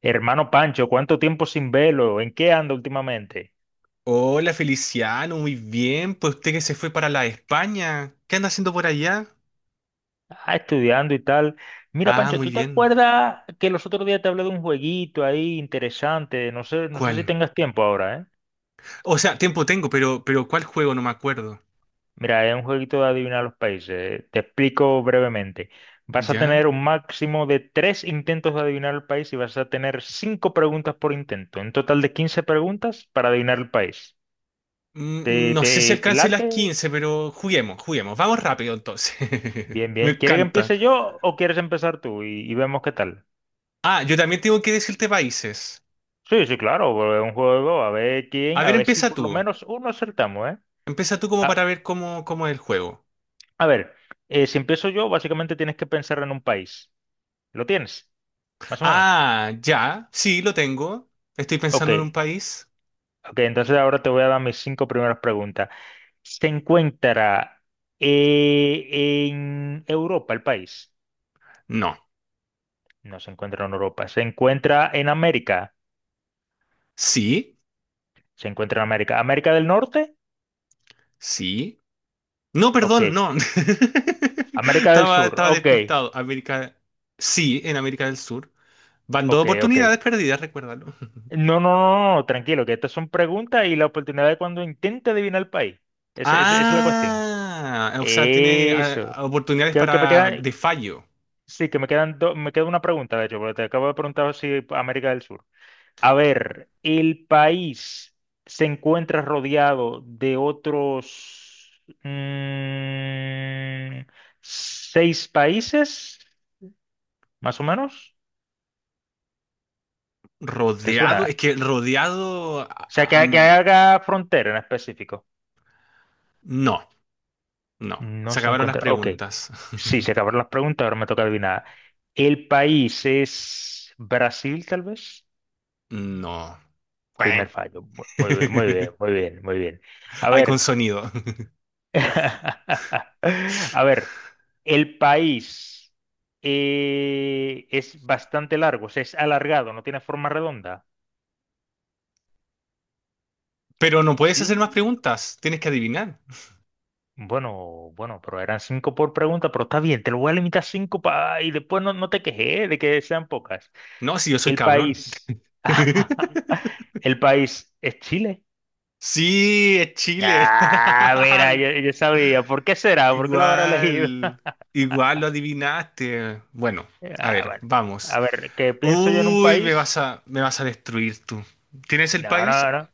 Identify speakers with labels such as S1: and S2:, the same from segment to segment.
S1: Hermano Pancho, ¿cuánto tiempo sin verlo? ¿En qué anda últimamente?
S2: Hola Feliciano, muy bien. Pues usted que se fue para la España, ¿qué anda haciendo por allá?
S1: Ah, estudiando y tal. Mira,
S2: Ah,
S1: Pancho,
S2: muy
S1: ¿tú te
S2: bien.
S1: acuerdas que los otros días te hablé de un jueguito ahí interesante? No sé si
S2: ¿Cuál?
S1: tengas tiempo ahora, ¿eh?
S2: O sea, tiempo tengo, pero ¿cuál juego? No me acuerdo.
S1: Mira, es un jueguito de adivinar los países. Te explico brevemente. Vas a
S2: ¿Ya?
S1: tener un máximo de tres intentos de adivinar el país y vas a tener cinco preguntas por intento. Un total de 15 preguntas para adivinar el país. ¿Te,
S2: No sé si
S1: te, te
S2: alcance las
S1: late?
S2: 15, pero juguemos, juguemos. Vamos rápido entonces.
S1: Bien,
S2: Me
S1: bien. ¿Quieres que
S2: encanta.
S1: empiece yo o quieres empezar tú y vemos qué tal?
S2: Ah, yo también tengo que decirte países.
S1: Sí, sí, claro, porque es un juego, a ver quién,
S2: A
S1: a
S2: ver,
S1: ver si
S2: empieza
S1: por lo
S2: tú.
S1: menos uno acertamos, ¿eh?
S2: Empieza tú como
S1: A,
S2: para ver cómo es el juego.
S1: a ver, si empiezo yo, básicamente tienes que pensar en un país. ¿Lo tienes? Más o menos.
S2: Ah, ya. Sí, lo tengo. Estoy
S1: Ok,
S2: pensando en un país.
S1: ok, entonces ahora te voy a dar mis cinco primeras preguntas. ¿Se encuentra en Europa el país?
S2: No.
S1: No se encuentra en Europa. ¿Se encuentra en América?
S2: Sí.
S1: Se encuentra en América. ¿América del Norte?
S2: Sí. No,
S1: Ok.
S2: perdón, no.
S1: ¿América del Sur?
S2: Estaba
S1: Ok,
S2: despistado. América, sí, en América del Sur. Van dos
S1: ok, ok.
S2: oportunidades perdidas, recuérdalo.
S1: No, no, no, no, tranquilo, que estas son preguntas y la oportunidad de cuando intente adivinar el país. Esa es la cuestión.
S2: Ah, o sea, tiene
S1: Eso.
S2: oportunidades
S1: Creo que me
S2: para
S1: quedan,
S2: de fallo.
S1: sí, que me queda una pregunta, de hecho, porque te acabo de preguntar si América del Sur. A ver, ¿el país se encuentra rodeado de otros mm, seis países, más o menos? ¿Te
S2: Rodeado, es
S1: suena?
S2: que rodeado,
S1: O sea, que haga frontera en específico.
S2: no, no.
S1: No
S2: Se
S1: se
S2: acabaron las
S1: encuentra. Ok.
S2: preguntas.
S1: Sí, se acabaron las preguntas, ahora me toca adivinar. ¿El país es Brasil, tal vez?
S2: No. Cuén.
S1: Primer fallo. Muy bien, muy bien, muy bien, muy bien. A
S2: Hay con
S1: ver,
S2: sonido.
S1: a ver, el país es bastante largo, o sea, es alargado, no tiene forma redonda.
S2: Pero no puedes
S1: Sí.
S2: hacer más preguntas. Tienes que adivinar.
S1: Bueno, bueno, pero eran cinco por pregunta, pero está bien, te lo voy a limitar a cinco pa y después no te quejes de que sean pocas.
S2: No, si yo soy
S1: El
S2: cabrón.
S1: país, el país es Chile.
S2: Sí, es Chile.
S1: Ah, mira, yo sabía. ¿Por qué será? ¿Por qué lo habrá elegido?
S2: Igual, igual lo adivinaste. Bueno, a
S1: Ah,
S2: ver,
S1: bueno.
S2: vamos.
S1: A ver, ¿qué pienso yo en un
S2: Uy,
S1: país?
S2: me vas a destruir tú. ¿Tienes el
S1: No,
S2: país?
S1: no, no.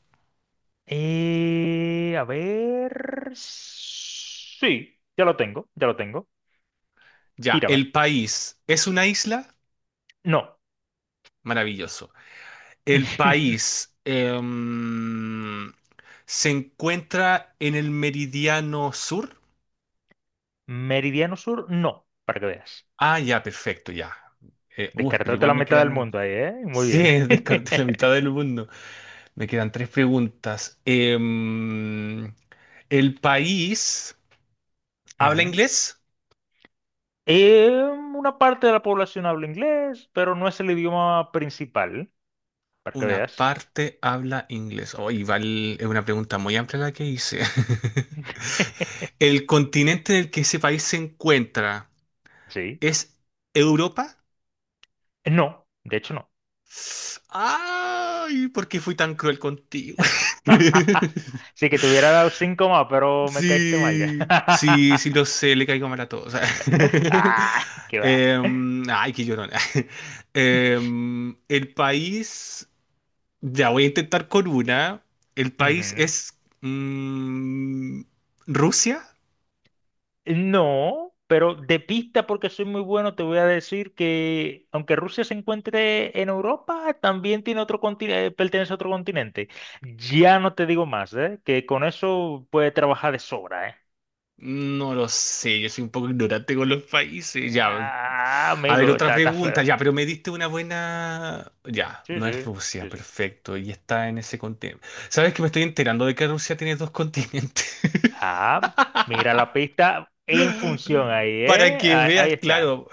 S1: A ver. Sí, ya lo tengo, ya lo tengo.
S2: Ya,
S1: Tírame.
S2: el país es una isla.
S1: No.
S2: Maravilloso. El país se encuentra en el meridiano sur.
S1: Meridiano Sur, no, para que veas.
S2: Ah, ya, perfecto, ya. Pero
S1: Descartaste
S2: igual
S1: la
S2: me
S1: mitad del
S2: quedan muchos.
S1: mundo ahí, ¿eh? Muy
S2: Sí,
S1: bien.
S2: descarté la mitad del mundo. Me quedan tres preguntas. ¿El país habla
S1: Ujú.
S2: inglés?
S1: Eh, una parte de la población habla inglés, pero no es el idioma principal, para que
S2: Una
S1: veas.
S2: parte habla inglés. Oh, y val- es una pregunta muy amplia la que hice. ¿El continente en el que ese país se encuentra
S1: Sí.
S2: es Europa?
S1: No, de hecho no.
S2: Ay, ¿por qué fui tan cruel contigo?
S1: Sí que te hubiera dado cinco más, pero me caíste mal ya.
S2: Sí, sí, sí lo sé, le caigo mal a todos.
S1: Ah, qué va.
S2: Em, ay, qué llorona. El país, ya voy a intentar con una. El país
S1: Ujú.
S2: es mm, Rusia.
S1: No, pero de pista, porque soy muy bueno, te voy a decir que aunque Rusia se encuentre en Europa, también tiene otro continente, pertenece a otro continente. Ya no te digo más, ¿eh? Que con eso puede trabajar de sobra, ¿eh?
S2: No lo sé, yo soy un poco ignorante con los países. Ya.
S1: Ah,
S2: A ver,
S1: amigo,
S2: otra
S1: está, está
S2: pregunta.
S1: feo.
S2: Ya, pero me diste una buena. Ya,
S1: Sí,
S2: no es
S1: sí,
S2: Rusia,
S1: sí, sí.
S2: perfecto. Y está en ese continente. ¿Sabes que me estoy enterando de que Rusia tiene dos continentes?
S1: Ah, mira la pista en función ahí,
S2: Para
S1: ¿eh?
S2: que
S1: Ah, ahí,
S2: veas,
S1: está.
S2: claro.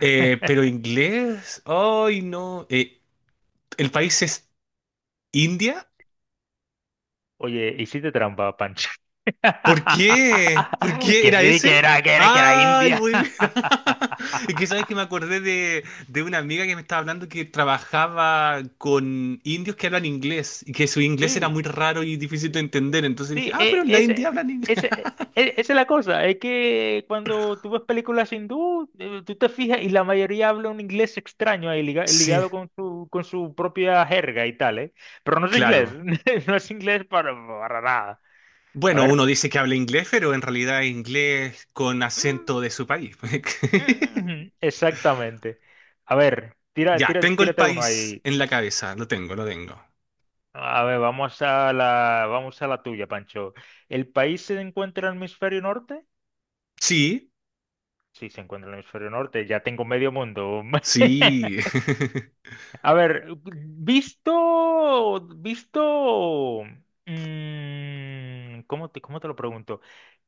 S2: Pero inglés. Ay, no. ¿El país es India?
S1: Oye, hiciste trampa, Pancho.
S2: ¿Por qué? ¿Por qué
S1: Que
S2: era
S1: sí, que
S2: ese?
S1: era, que era, que era
S2: Ay,
S1: India.
S2: muy bien. Es que sabes que me acordé de una amiga que me estaba hablando que trabajaba con indios que hablan inglés y que su inglés era
S1: Sí,
S2: muy raro y difícil de entender. Entonces dije,
S1: sí,
S2: ah, pero
S1: e-
S2: en la India
S1: ese,
S2: hablan inglés.
S1: ese, e- esa es la cosa. Es que cuando tú ves películas hindú, tú te fijas y la mayoría habla un inglés extraño ahí, liga-
S2: Sí,
S1: ligado con su propia jerga y tal, ¿eh? Pero no es inglés,
S2: claro.
S1: no es inglés para nada. A
S2: Bueno, uno
S1: ver.
S2: dice que habla inglés, pero en realidad es inglés con
S1: Mm,
S2: acento de su país.
S1: Exactamente. A ver, tira,
S2: Ya,
S1: tira,
S2: tengo el
S1: tírate uno
S2: país
S1: ahí.
S2: en la cabeza. Lo tengo, lo tengo.
S1: A ver, vamos a la tuya, Pancho. ¿El país se encuentra en el hemisferio norte?
S2: Sí,
S1: Sí, se encuentra en el hemisferio norte. Ya tengo medio mundo.
S2: sí.
S1: A ver, visto, visto, ¿cómo te lo pregunto?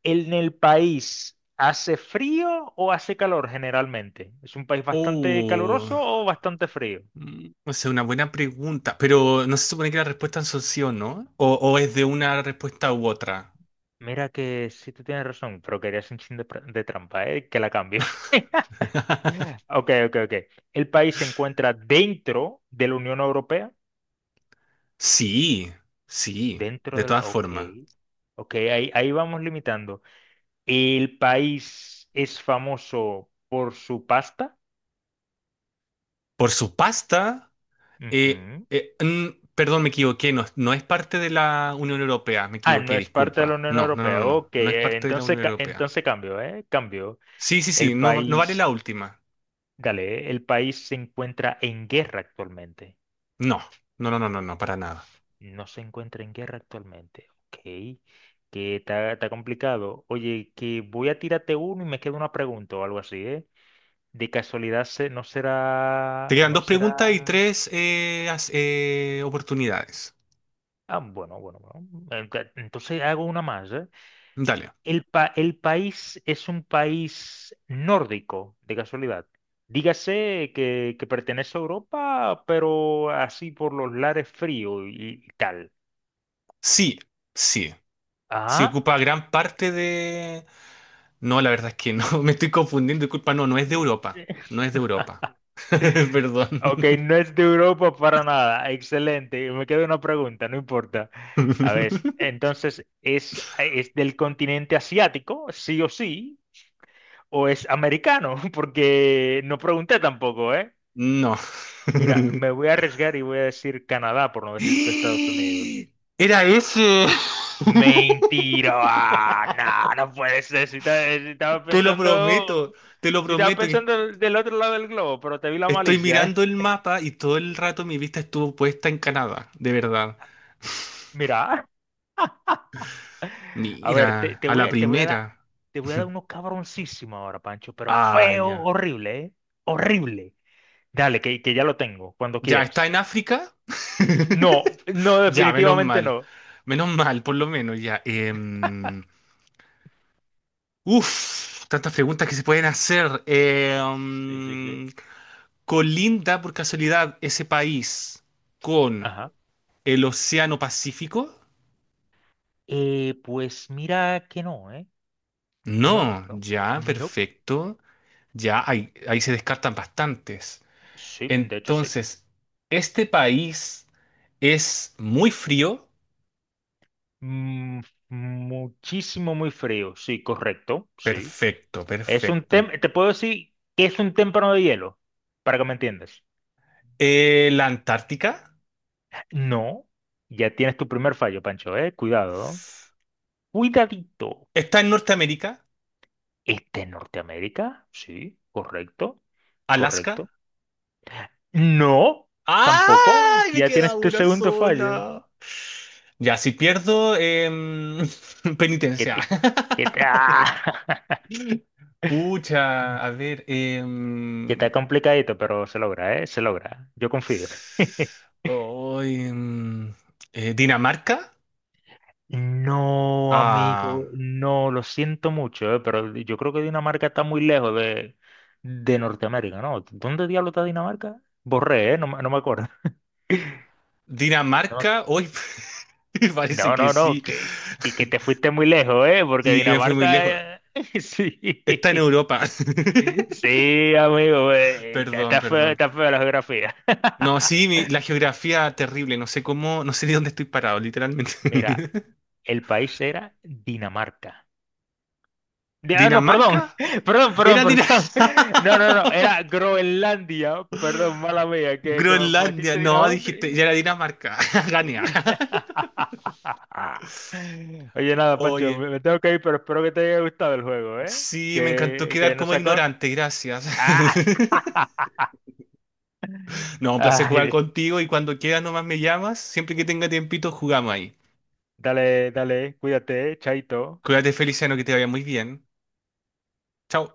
S1: ¿En el país hace frío o hace calor generalmente? ¿Es un país bastante
S2: Oh.
S1: caluroso o bastante frío?
S2: O sea, una buena pregunta, pero no se supone que las respuestas son sí o no, o es de una respuesta u otra.
S1: Mira que sí tú tienes razón, pero querías un chin de, de trampa, ¿eh? Que la cambié. Ok, ok, ok. El país se encuentra dentro de la Unión Europea.
S2: Sí, sí,
S1: Dentro
S2: de
S1: de
S2: todas
S1: la... Ok.
S2: formas.
S1: Ok, ahí, ahí vamos limitando. El país es famoso por su pasta.
S2: Por su pasta, eh,
S1: Ujú.
S2: eh, mm, perdón, me equivoqué, no, no es parte de la Unión Europea, me
S1: Ah, no
S2: equivoqué,
S1: es parte de la
S2: disculpa.
S1: Unión
S2: No, no, no,
S1: Europea.
S2: no, no,
S1: Ok,
S2: no es parte de la
S1: entonces,
S2: Unión Europea.
S1: entonces cambio, ¿eh? Cambio.
S2: Sí, sí, sí,
S1: El
S2: no, no vale
S1: país,
S2: la última.
S1: dale, ¿eh? El país se encuentra en guerra actualmente.
S2: No, no, no, no, no, no, para nada.
S1: No se encuentra en guerra actualmente. Ok. Que está, está complicado. Oye, que voy a tirarte uno y me queda una pregunta o algo así, ¿eh? De casualidad no
S2: Te
S1: será.
S2: quedan
S1: No
S2: dos
S1: será.
S2: preguntas y tres as- oportunidades.
S1: Ah, bueno, bueno, bueno. Entonces hago una más, ¿eh?
S2: Dale.
S1: El país es un país nórdico, de casualidad. Dígase que pertenece a Europa, pero así por los lares fríos y tal.
S2: Sí, sí. Si
S1: Ah.
S2: ocupa gran parte de... No, la verdad es que no, me estoy confundiendo, disculpa, no, no es de
S1: eh,
S2: Europa,
S1: eh,
S2: no es de Europa, perdón.
S1: Ok, no es de Europa para nada. Excelente. Y me queda una pregunta, no importa. A ver, entonces, ¿es del continente asiático, sí o sí? ¿O es americano? Porque no pregunté tampoco, ¿eh?
S2: No.
S1: Mira, me voy a arriesgar y voy a decir Canadá, por no decirte Estados Unidos.
S2: Era ese,
S1: Mentira. Ah, no, no puede ser. Si, ta- eh, si estaba
S2: te lo prometo,
S1: pensando,
S2: te lo
S1: si estaba
S2: prometo que
S1: pensando del otro lado del globo, pero te vi la
S2: estoy
S1: malicia, ¿eh?
S2: mirando el mapa y todo el rato mi vista estuvo puesta en Canadá, de verdad.
S1: Mira. A ver, te,
S2: Mira,
S1: te
S2: a la primera.
S1: voy a dar uno cabroncísimo ahora, Pancho, pero
S2: Ah,
S1: feo,
S2: ya.
S1: horrible, ¿eh? Horrible. Dale, que ya lo tengo, cuando
S2: Ya está
S1: quieras.
S2: en África.
S1: No, no,
S2: Ya, menos
S1: definitivamente
S2: mal.
S1: no.
S2: Menos mal, por lo menos, ya. Uf, tantas preguntas que se pueden hacer.
S1: Sí, sí, sí.
S2: ¿Colinda por casualidad ese país con
S1: Ajá.
S2: el Océano Pacífico?
S1: Pues mira que no, ¿eh? No,
S2: No,
S1: no,
S2: ya,
S1: no.
S2: perfecto. Ya, ahí, ahí se descartan bastantes.
S1: Sí, de hecho sí.
S2: Entonces, ¿este país es muy frío?
S1: Mm, muchísimo muy frío, sí, correcto, sí.
S2: Perfecto,
S1: Es un
S2: perfecto.
S1: tem, te puedo decir que es un témpano de hielo, para que me entiendas.
S2: La Antártica.
S1: No, ya tienes tu primer fallo, Pancho, ¿eh? Cuidado, ¿no? Cuidadito.
S2: Está en Norteamérica.
S1: ¿Este en Norteamérica? Sí, correcto,
S2: Alaska.
S1: correcto. No, tampoco.
S2: ¡Ay! Me
S1: Ya
S2: queda
S1: tienes tu
S2: una
S1: segundo fallo.
S2: sola. Ya, si pierdo,
S1: Que
S2: penitencia.
S1: te, ¡Ah!
S2: Pucha, a ver.
S1: que está complicadito, pero se logra, ¿eh? Se logra. Yo confío.
S2: Oh, em, ¿Dinamarca?
S1: No,
S2: Ah,
S1: amigo, no, lo siento mucho, ¿eh? Pero yo creo que Dinamarca está muy lejos de Norteamérica, ¿no? ¿Dónde diablo está Dinamarca? Borré, ¿eh? No, no me acuerdo. No,
S2: Dinamarca. Hoy parece
S1: no,
S2: que
S1: no, no,
S2: sí.
S1: y que te fuiste muy lejos, ¿eh? Porque
S2: Y me fui muy
S1: Dinamarca,
S2: lejos.
S1: eh,
S2: Está en
S1: sí,
S2: Europa.
S1: sí, amigo, está
S2: Perdón,
S1: está feo,
S2: perdón.
S1: está feo la geografía.
S2: No, sí, mi- la geografía terrible, no sé cómo, no sé de dónde estoy parado, literalmente.
S1: Mira, el país era Dinamarca. No,
S2: ¿Dinamarca?
S1: perdón, perdón, perdón,
S2: Era
S1: perdón.
S2: Dinamarca.
S1: No, no, no, era Groenlandia, perdón, mala mía, que me
S2: Groenlandia,
S1: metiste
S2: no,
S1: Dinamarca.
S2: dijiste, ya era Dinamarca. Gané.
S1: Oye, nada, Pancho,
S2: Oye,
S1: me tengo que ir, pero espero que te haya gustado el juego, ¿eh?
S2: sí, me encantó
S1: Que
S2: quedar
S1: nos
S2: como
S1: sacó,
S2: ignorante, gracias.
S1: Ah,
S2: No, un placer jugar
S1: ay,
S2: contigo y cuando quieras nomás me llamas, siempre que tenga tiempito jugamos ahí.
S1: dale, dale, cuídate, chaito.
S2: Cuídate, Feliciano, que te vaya muy bien. Chao.